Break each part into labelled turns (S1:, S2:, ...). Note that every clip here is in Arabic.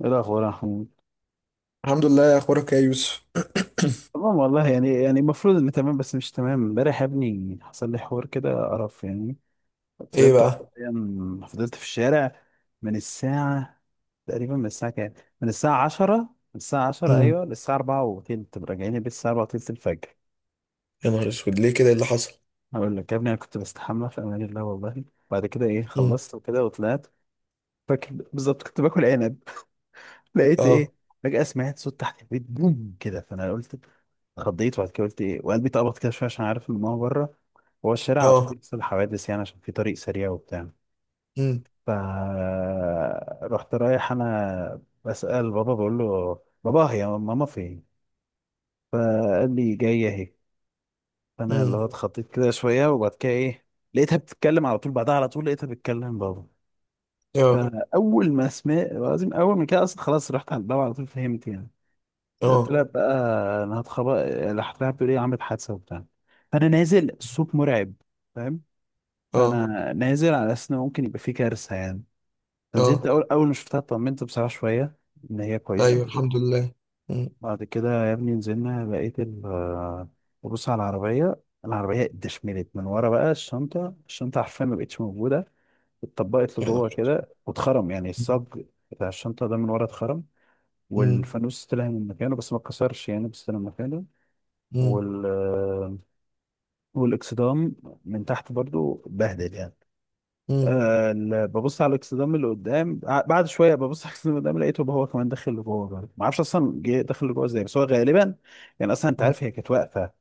S1: ايه الاخبار يا محمود؟
S2: الحمد لله، اخبارك إيه يا يوسف؟
S1: تمام والله. يعني المفروض اني تمام، بس مش تمام. امبارح يا ابني حصل لي حوار كده قرف يعني.
S2: ايه
S1: فضلت
S2: بقى؟
S1: حرفيا، فضلت في الشارع من الساعة، تقريبا من الساعة كام، من الساعة 10، من الساعة 10،
S2: امم.
S1: ايوه، للساعة 4 وتلت. راجعين البيت الساعة 4 وتلت الفجر.
S2: يا نهار اسود، ليه كده؟ إيه اللي حصل؟
S1: هقول لك يا ابني، انا كنت بستحمى في امان الله والله. بعد كده ايه،
S2: امم.
S1: خلصت وكده وطلعت. فاكر بالظبط كنت باكل عنب. لقيت ايه،
S2: اه.
S1: فجأة سمعت صوت تحت البيت، بوم كده. فانا قلت، اتخضيت، وبعد كده قلت ايه، وقلبي اتقبض كده شويه عشان عارف ان ماما بره. هو الشارع على طول
S2: اه.
S1: بيحصل حوادث يعني، عشان في طريق سريع وبتاع.
S2: امم.
S1: ف رحت رايح انا بسأل بابا، بقول له بابا هي ماما فين؟ فقال لي جايه اهي. فانا اللي
S2: امم.
S1: هو اتخضيت كده شويه، وبعد كده ايه، لقيتها بتتكلم. على طول بعدها على طول لقيتها بتتكلم بابا.
S2: اه.
S1: فاول ما سمعت، لازم اول ما كده اصلا خلاص رحت عند بابا على طول، فهمت يعني.
S2: اه.
S1: طلع بقى، انا هتخبط، راح طلع بيقول ايه عملت حادثه وبتاع. فانا نازل، الصوت مرعب، فاهم.
S2: اه.
S1: فانا نازل على اساس ان ممكن يبقى في كارثه يعني. فنزلت،
S2: اه.
S1: اول ما شفتها اطمنت بصراحه شويه ان هي كويسه.
S2: ايوه، الحمد لله. امم.
S1: بعد كده يا ابني نزلنا، لقيت ببص على العربيه، العربيه اتدشملت من ورا. بقى الشنطه، الشنطه حرفيا ما بقتش موجوده، اتطبقت
S2: يا
S1: لجوه
S2: نهار.
S1: كده، واتخرم يعني الصاج بتاع الشنطه ده من ورا، اتخرم.
S2: امم.
S1: والفانوس طلع من مكانه، بس ما اتكسرش يعني، بس طلع من مكانه.
S2: امم.
S1: وال والاكسدام من تحت برضو بهدل يعني.
S2: امم.
S1: آه، ببص على الاكسدام اللي قدام، بعد شويه ببص على الاكسدام اللي قدام، لقيته هو كمان داخل لجوه برضه. ما اعرفش اصلا جه داخل لجوه ازاي، بس هو غالبا يعني، اصلا انت
S2: أمم.
S1: عارف هي كانت واقفه.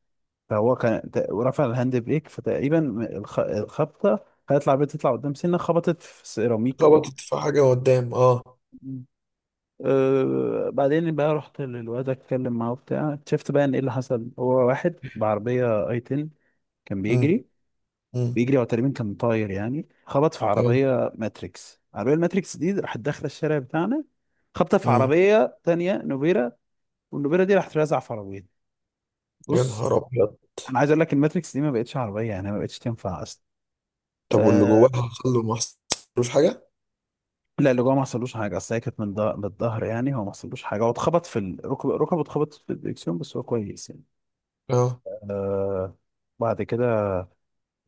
S1: فهو كان رفع الهاند بريك، فتقريبا الخبطه خلت العربيه تطلع قدام سنه، خبطت في سيراميك
S2: خبطت في حاجه قدام، اه.
S1: أه. بعدين بقى رحت للواد اتكلم معاه وبتاع، شفت بقى ان ايه اللي حصل. هو واحد بعربيه اي 10 كان
S2: امم.
S1: بيجري،
S2: امم.
S1: بيجري. هو تقريبا كان طاير يعني، خبط في
S2: اه.
S1: عربية ماتريكس. عربية الماتريكس دي راحت داخلة الشارع بتاعنا، خبطة في
S2: امم.
S1: عربية تانية نوبيرا. والنوبيرا دي راحت رازعة في عربية.
S2: يا
S1: بص،
S2: نهار ابيض.
S1: أنا عايز أقول لك الماتريكس دي ما بقتش عربية يعني، ما بقتش تنفع أصلا.
S2: طب واللي
S1: أه،
S2: جواها حصل له ما حصلوش حاجه؟
S1: لا اللي جوه ما حصلوش حاجة، أصل هي كانت من من الظهر يعني، هو ما حصلوش حاجة. هو اتخبط في ركبه اتخبط في الدركسيون، بس هو كويس يعني.
S2: اه.
S1: أه. بعد كده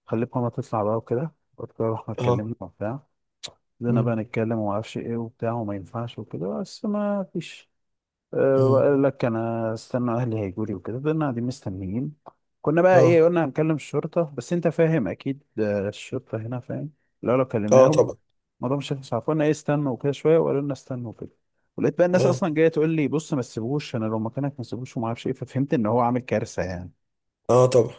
S1: خليت ماما تطلع بقى وكده، قلت لها رحنا
S2: اه.
S1: اتكلمنا وبتاع، بدنا بقى
S2: امم.
S1: نتكلم وما اعرفش ايه وبتاع، وما ينفعش وكده، بس ما فيش. أه،
S2: امم.
S1: وقال لك انا استنى اهلي هيجوا لي وكده. فضلنا قاعدين مستنيين. كنا بقى ايه،
S2: اه.
S1: قلنا هنكلم الشرطه. بس انت فاهم اكيد آه، الشرطه هنا فاهم، لو
S2: اه
S1: كلمناهم
S2: طبعا.
S1: الموضوع مش هيخلص. عارفين ايه، استنوا وكده شويه، وقالوا لنا استنوا وكده. ولقيت بقى الناس
S2: اه.
S1: اصلا جايه تقول لي بص ما تسيبوش، انا لو مكانك ما تسيبوش، وما اعرفش ايه. ففهمت ان هو عامل كارثه يعني.
S2: اه طبعا.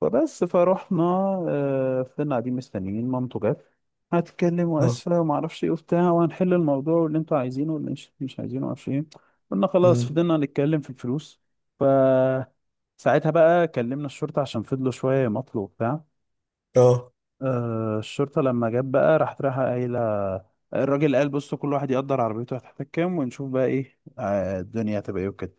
S1: فروحنا. آه، فضلنا قاعدين مستنيين. مامته جت هتتكلم
S2: اه.
S1: واسفه وما اعرفش ايه وبتاع، وهنحل الموضوع واللي انتوا عايزينه واللي مش عايزينه، ما اعرفش ايه. قلنا خلاص،
S2: امم.
S1: فضلنا نتكلم في الفلوس. ف ساعتها بقى كلمنا الشرطه عشان فضلوا شويه يمطلوا وبتاع.
S2: اه.
S1: آه، الشرطه لما جت بقى راحت رايحه قايله، الراجل قال بصوا كل واحد يقدر عربيته هتحتاج كام، ونشوف بقى ايه آه، الدنيا هتبقى ايه وكده.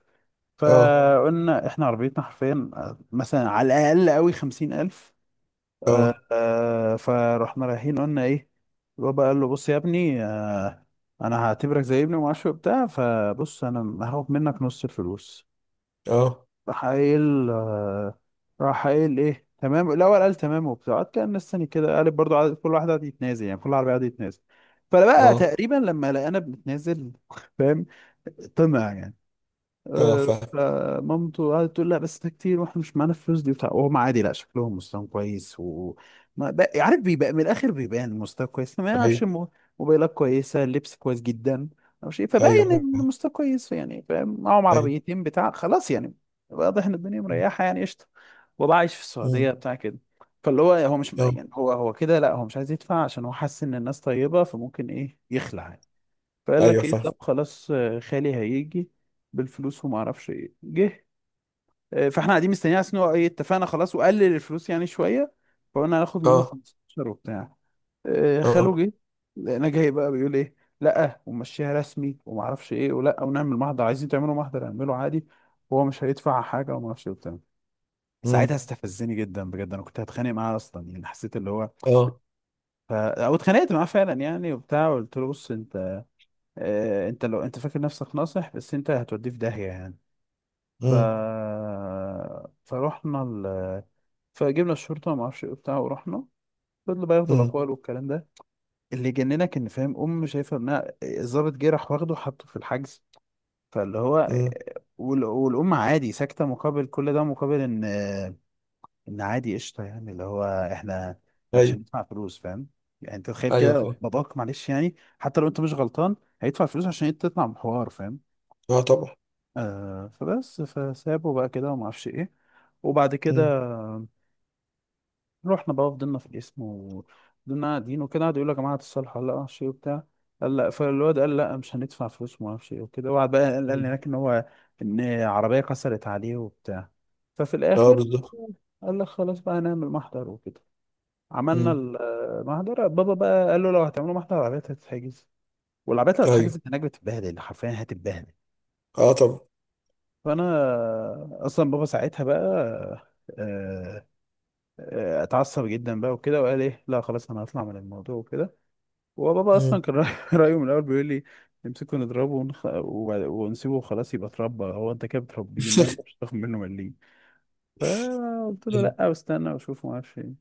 S2: اه.
S1: فقلنا احنا عربيتنا حرفيا آه، مثلا على الاقل قوي خمسين الف. آه
S2: اه.
S1: آه، فرحنا رايحين قلنا ايه، البابا قال له بص يا ابني آه، انا هعتبرك زي ابني ومعرفش إيه وبتاع، فبص انا هاخد منك نص الفلوس.
S2: اه.
S1: راح قايل آه، راح قايل ايه تمام. الاول قال تمام وبتاع، قعد كان مستني كده، قال برضه عدد. كل واحد قعد يتنازل يعني، كل عربيه قعد يتنازل. فبقى
S2: اه.
S1: تقريبا لما لقانا بنتنازل فاهم، طمع يعني.
S2: اه.
S1: آه،
S2: فاهم.
S1: فمامته قعدت تقول لا بس ده كتير واحنا مش معانا الفلوس دي وبتاع. وهم عادي، لا شكلهم مستواهم كويس و ما بق- عارف، بيبقى من الاخر بيبان المستوى كويس، ما
S2: ايوه.
S1: يعرفش موبايلات كويسه، اللبس كويس جدا او شيء،
S2: ايوه
S1: فباين ان
S2: فاهم.
S1: المستوى كويس يعني، فاهم، معاهم
S2: ايوه.
S1: عربيتين بتاع خلاص يعني. واضح ان الدنيا مريحه يعني قشطه، وبقى عايش في السعوديه
S2: امم.
S1: بتاع كده. فاللي هو، هو مش
S2: اه.
S1: يعني، هو هو كده، لا هو مش عايز يدفع عشان هو حاسس ان الناس طيبه، فممكن ايه يخلع. فقال لك
S2: ايوه
S1: ايه،
S2: فاهم.
S1: طب خلاص آه، خالي هيجي بالفلوس وما اعرفش ايه، جه. آه، فاحنا قاعدين مستنيين عشان هو ايه، اتفقنا خلاص وقلل الفلوس يعني شويه، فقلنا هناخد منه
S2: اه.
S1: 15 وبتاع. آه، خاله
S2: اه.
S1: جه، انا جاي بقى بيقول ايه لا، ومشيها رسمي وما اعرفش ايه، ولا ونعمل محضر، عايزين تعملوا محضر اعمله عادي، وهو مش هيدفع حاجه وما اعرفش ايه وبتاع. ساعتها
S2: امم.
S1: استفزني جدا بجد، انا كنت هتخانق معاه اصلا يعني، حسيت اللي هو
S2: اه.
S1: او اتخانقت معاه فعلا يعني وبتاع. قلت له بص انت آه، انت لو انت فاكر نفسك ناصح، بس انت هتوديه في داهية يعني. ف...
S2: امم.
S1: فروحنا ال... فجبنا الشرطة وما اعرفش ايه وبتاع، ورحنا. فضلوا بقى ياخدوا
S2: امم.
S1: الاقوال والكلام ده. اللي جننك ان فاهم، ام شايفه ابنها الضابط جه راح واخده حطه في الحجز، فاللي هو
S2: امم.
S1: والام عادي ساكته، مقابل كل ده، مقابل ان، ان عادي قشطه يعني، اللي هو احنا مش
S2: ايوه.
S1: هندفع فلوس فاهم. يعني انت تخيل كده،
S2: ايوه
S1: لو
S2: فاهم.
S1: باباك معلش يعني، حتى لو انت مش غلطان هيدفع فلوس عشان انت تطلع من حوار، فاهم.
S2: اه طبعا.
S1: آه، فبس فسابه بقى كده وما اعرفش ايه. وبعد كده
S2: امم.
S1: رحنا بقى، فضلنا في القسم، وفضلنا قاعدين وكده، قعدوا يقولوا يا جماعه هتصالحوا ولا لا، معرفش ايه وبتاع. قال لا، فالواد قال لا مش هندفع فلوس وما اعرفش ايه وكده. وقعد بقى قال
S2: أمم.
S1: هناك ان هو ان عربيه كسرت عليه وبتاع. ففي
S2: اه
S1: الاخر
S2: بالظبط.
S1: قال لك خلاص بقى هنعمل محضر وكده. عملنا
S2: امم.
S1: المحضر، بابا بقى قال له لو هتعملوا محضر العربيات هتتحجز، والعربيات اللي
S2: ايوه.
S1: هتتحجز هناك بتتبهدل حرفيا، هتتبهدل.
S2: اه طبعا.
S1: فانا اصلا، بابا ساعتها بقى آه، آه، اتعصب جدا بقى وكده وقال ايه لا خلاص انا هطلع من الموضوع وكده. وبابا اصلا
S2: امم.
S1: كان رايه من الاول بيقول لي نمسكه نضربه ونسيبه وخلاص يبقى اتربى. هو انت كده بتربيه، إنما انت مش هتاخد منه مليم. فقلت له لا، واستنى واشوف ما اعرفش ايه.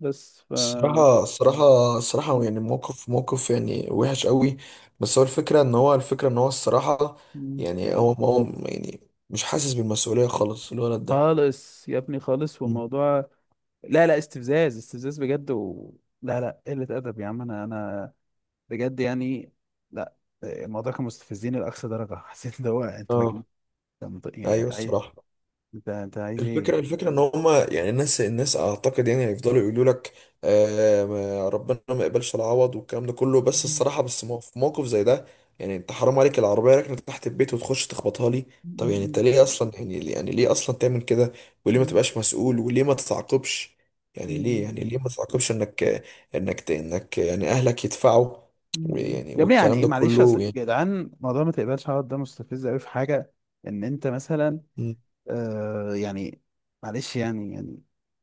S1: بس ف
S2: الصراحة، الصراحة، الصراحة يعني موقف، موقف يعني وحش قوي. بس هو الفكرة ان هو الصراحة،
S1: م-
S2: يعني هو يعني مش حاسس بالمسؤولية خالص الولد ده.
S1: خالص يا ابني خالص،
S2: أمم.
S1: والموضوع لا لا، استفزاز استفزاز بجد و... لا لا، قلة أدب يا عم. أنا بجد يعني، لا آه، الموضوع كان مستفزين لأقصى درجة. حسيت ان هو انت مجنون،
S2: اه،
S1: أنت يعني
S2: ايوه
S1: انت عايز،
S2: الصراحة.
S1: انت عايز ايه
S2: الفكرة ان هما، يعني الناس، الناس اعتقد يعني هيفضلوا يقولوا لك ربنا ما يقبلش العوض والكلام ده كله. بس الصراحة، في موقف زي ده، يعني انت حرام عليك، العربية راكنة تحت البيت وتخش تخبطها لي؟ طب يعني انت ليه اصلا، يعني ليه اصلا تعمل كده؟ وليه ما تبقاش مسؤول؟ وليه ما تتعاقبش؟ يعني ليه ما تتعاقبش، انك يعني اهلك يدفعوا؟ ويعني
S1: يا ابني يعني.
S2: والكلام
S1: ايه
S2: ده
S1: معلش، اصل
S2: كله يعني.
S1: يا جدعان موضوع ما تقبلش عرض ده مستفز قوي، في حاجة ان انت مثلا
S2: مم.
S1: آه يعني، معلش يعني يعني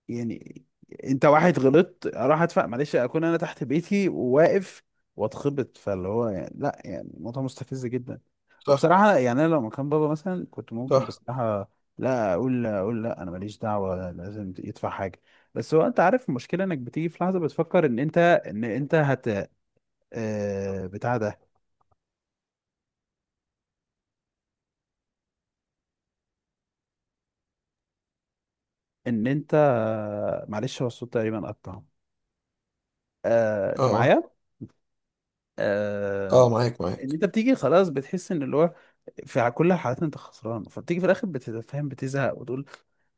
S1: يعني انت واحد غلطت اروح ادفع، معلش اكون انا تحت بيتي وواقف واتخبط، فاللي هو يعني لا يعني الموضوع مستفز جدا.
S2: صح.
S1: وبصراحة يعني انا لو مكان بابا مثلا، كنت ممكن
S2: صح،
S1: بصراحة لا اقول لا انا ماليش دعوة، لازم يدفع حاجة. بس هو انت عارف المشكلة انك بتيجي في لحظة بتفكر ان انت ان انت هت آه بتاع ده، ان انت، معلش هو الصوت تقريبا قطع. آه، انت
S2: اه.
S1: معايا؟ آه،
S2: اه، آه، معاك،
S1: ان
S2: معاك.
S1: انت بتيجي خلاص بتحس ان اللي هو في كل الحالات انت خسران، فبتيجي في الاخر بتتفهم، بتزهق وتقول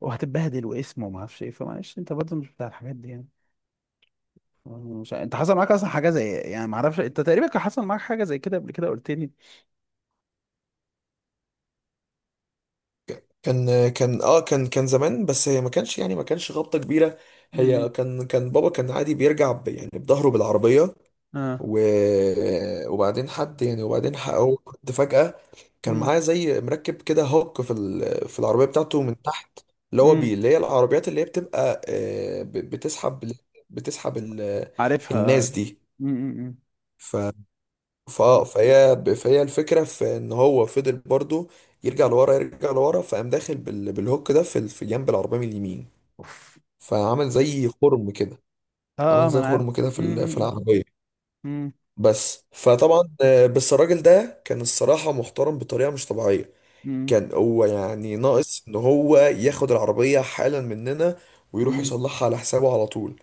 S1: وهتتبهدل واسم وما اعرفش ايه. فمعلش، انت برضه مش بتاع الحاجات دي يعني. مش انت حصل معاك اصلا حاجه زي إيه؟ يعني ما اعرفش، انت تقريبا كان حصل معاك حاجه زي كده قبل كده قلت لي.
S2: كان كان اه كان كان زمان، بس هي ما كانش خبطة كبيرة.
S1: امم
S2: هي كان بابا كان عادي بيرجع يعني بظهره بالعربية.
S1: اه.
S2: و... وبعدين حد يعني وبعدين ح- هو كنت فجأة، كان
S1: امم
S2: معاه زي مركب كده هوك في في العربية بتاعته من تحت، اللي هو
S1: امم
S2: اللي هي العربيات اللي هي بتبقى، بتسحب، بتسحب
S1: عارفها آه.
S2: الناس دي.
S1: امم
S2: ف فاه فهي ب- فهي الفكره في ان هو فضل برضه يرجع لورا، يرجع لورا، فقام داخل بالهوك ده في، في جنب العربيه من اليمين،
S1: اوف.
S2: فعمل زي خرم كده.
S1: اه
S2: عمل
S1: اه ما
S2: زي
S1: انا عارف.
S2: خرم كده في في
S1: امم
S2: العربيه.
S1: امم
S2: بس فطبعا بس الراجل ده كان الصراحه محترم بطريقه مش طبيعيه.
S1: امم
S2: كان هو يعني ناقص ان هو ياخد العربيه حالا مننا ويروح
S1: امم
S2: يصلحها على حسابه على طول.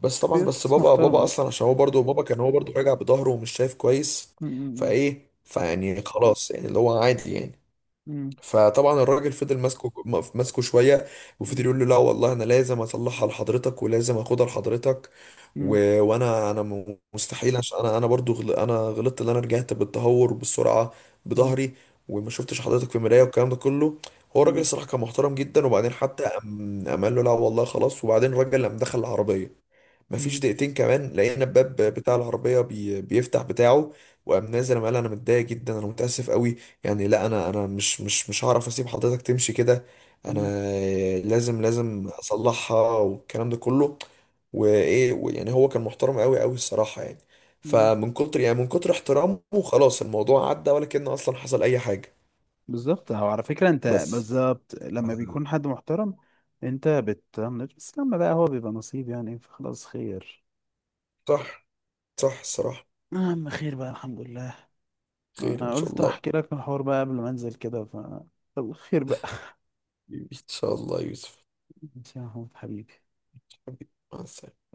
S2: بس
S1: في
S2: طبعا، بس
S1: ناس
S2: بابا
S1: محترمه.
S2: اصلا عشان هو برضه بابا كان هو برضه راجع بظهره ومش شايف كويس.
S1: امم
S2: فايه فيعني خلاص يعني اللي هو عادي يعني.
S1: امم
S2: فطبعا الراجل فضل ماسكه، ماسكه شويه، وفضل يقول له لا والله انا لازم اصلحها لحضرتك ولازم اخدها لحضرتك.
S1: امم
S2: وانا مستحيل عشان انا برضو انا غلطت ان انا رجعت بالتهور بالسرعه بظهري وما شفتش حضرتك في المرايه والكلام ده كله. هو الراجل
S1: امم
S2: الصراحه كان محترم جدا، وبعدين حتى قام قال له لا والله خلاص. وبعدين الراجل قام دخل العربيه، مفيش
S1: امم
S2: دقيقتين كمان لقينا الباب بتاع العربية بيفتح بتاعه، وقام نازل قال انا متضايق جدا، انا متأسف قوي. يعني لا، انا مش هعرف اسيب حضرتك تمشي كده. انا لازم، لازم اصلحها والكلام ده كله. وايه يعني هو كان محترم قوي قوي الصراحة يعني.
S1: امم
S2: فمن كتر يعني من كتر احترامه خلاص الموضوع عدى، ولا كأنه اصلا حصل اي حاجة.
S1: بالظبط. هو على فكرة انت
S2: بس.
S1: بالظبط لما بيكون حد محترم انت بتطنش، بس لما بقى هو بيبقى نصيب يعني، فخلاص خير.
S2: صح. صح الصراحة.
S1: اهم، خير بقى الحمد لله.
S2: خير ان
S1: انا
S2: شاء
S1: قلت
S2: الله.
S1: احكي لك الحوار بقى قبل ما انزل كده، ف طب خير بقى.
S2: حبيبي. ان شاء الله يا يوسف.
S1: ماشي يا محمود حبيبي.
S2: حبيبي، مع السلامة.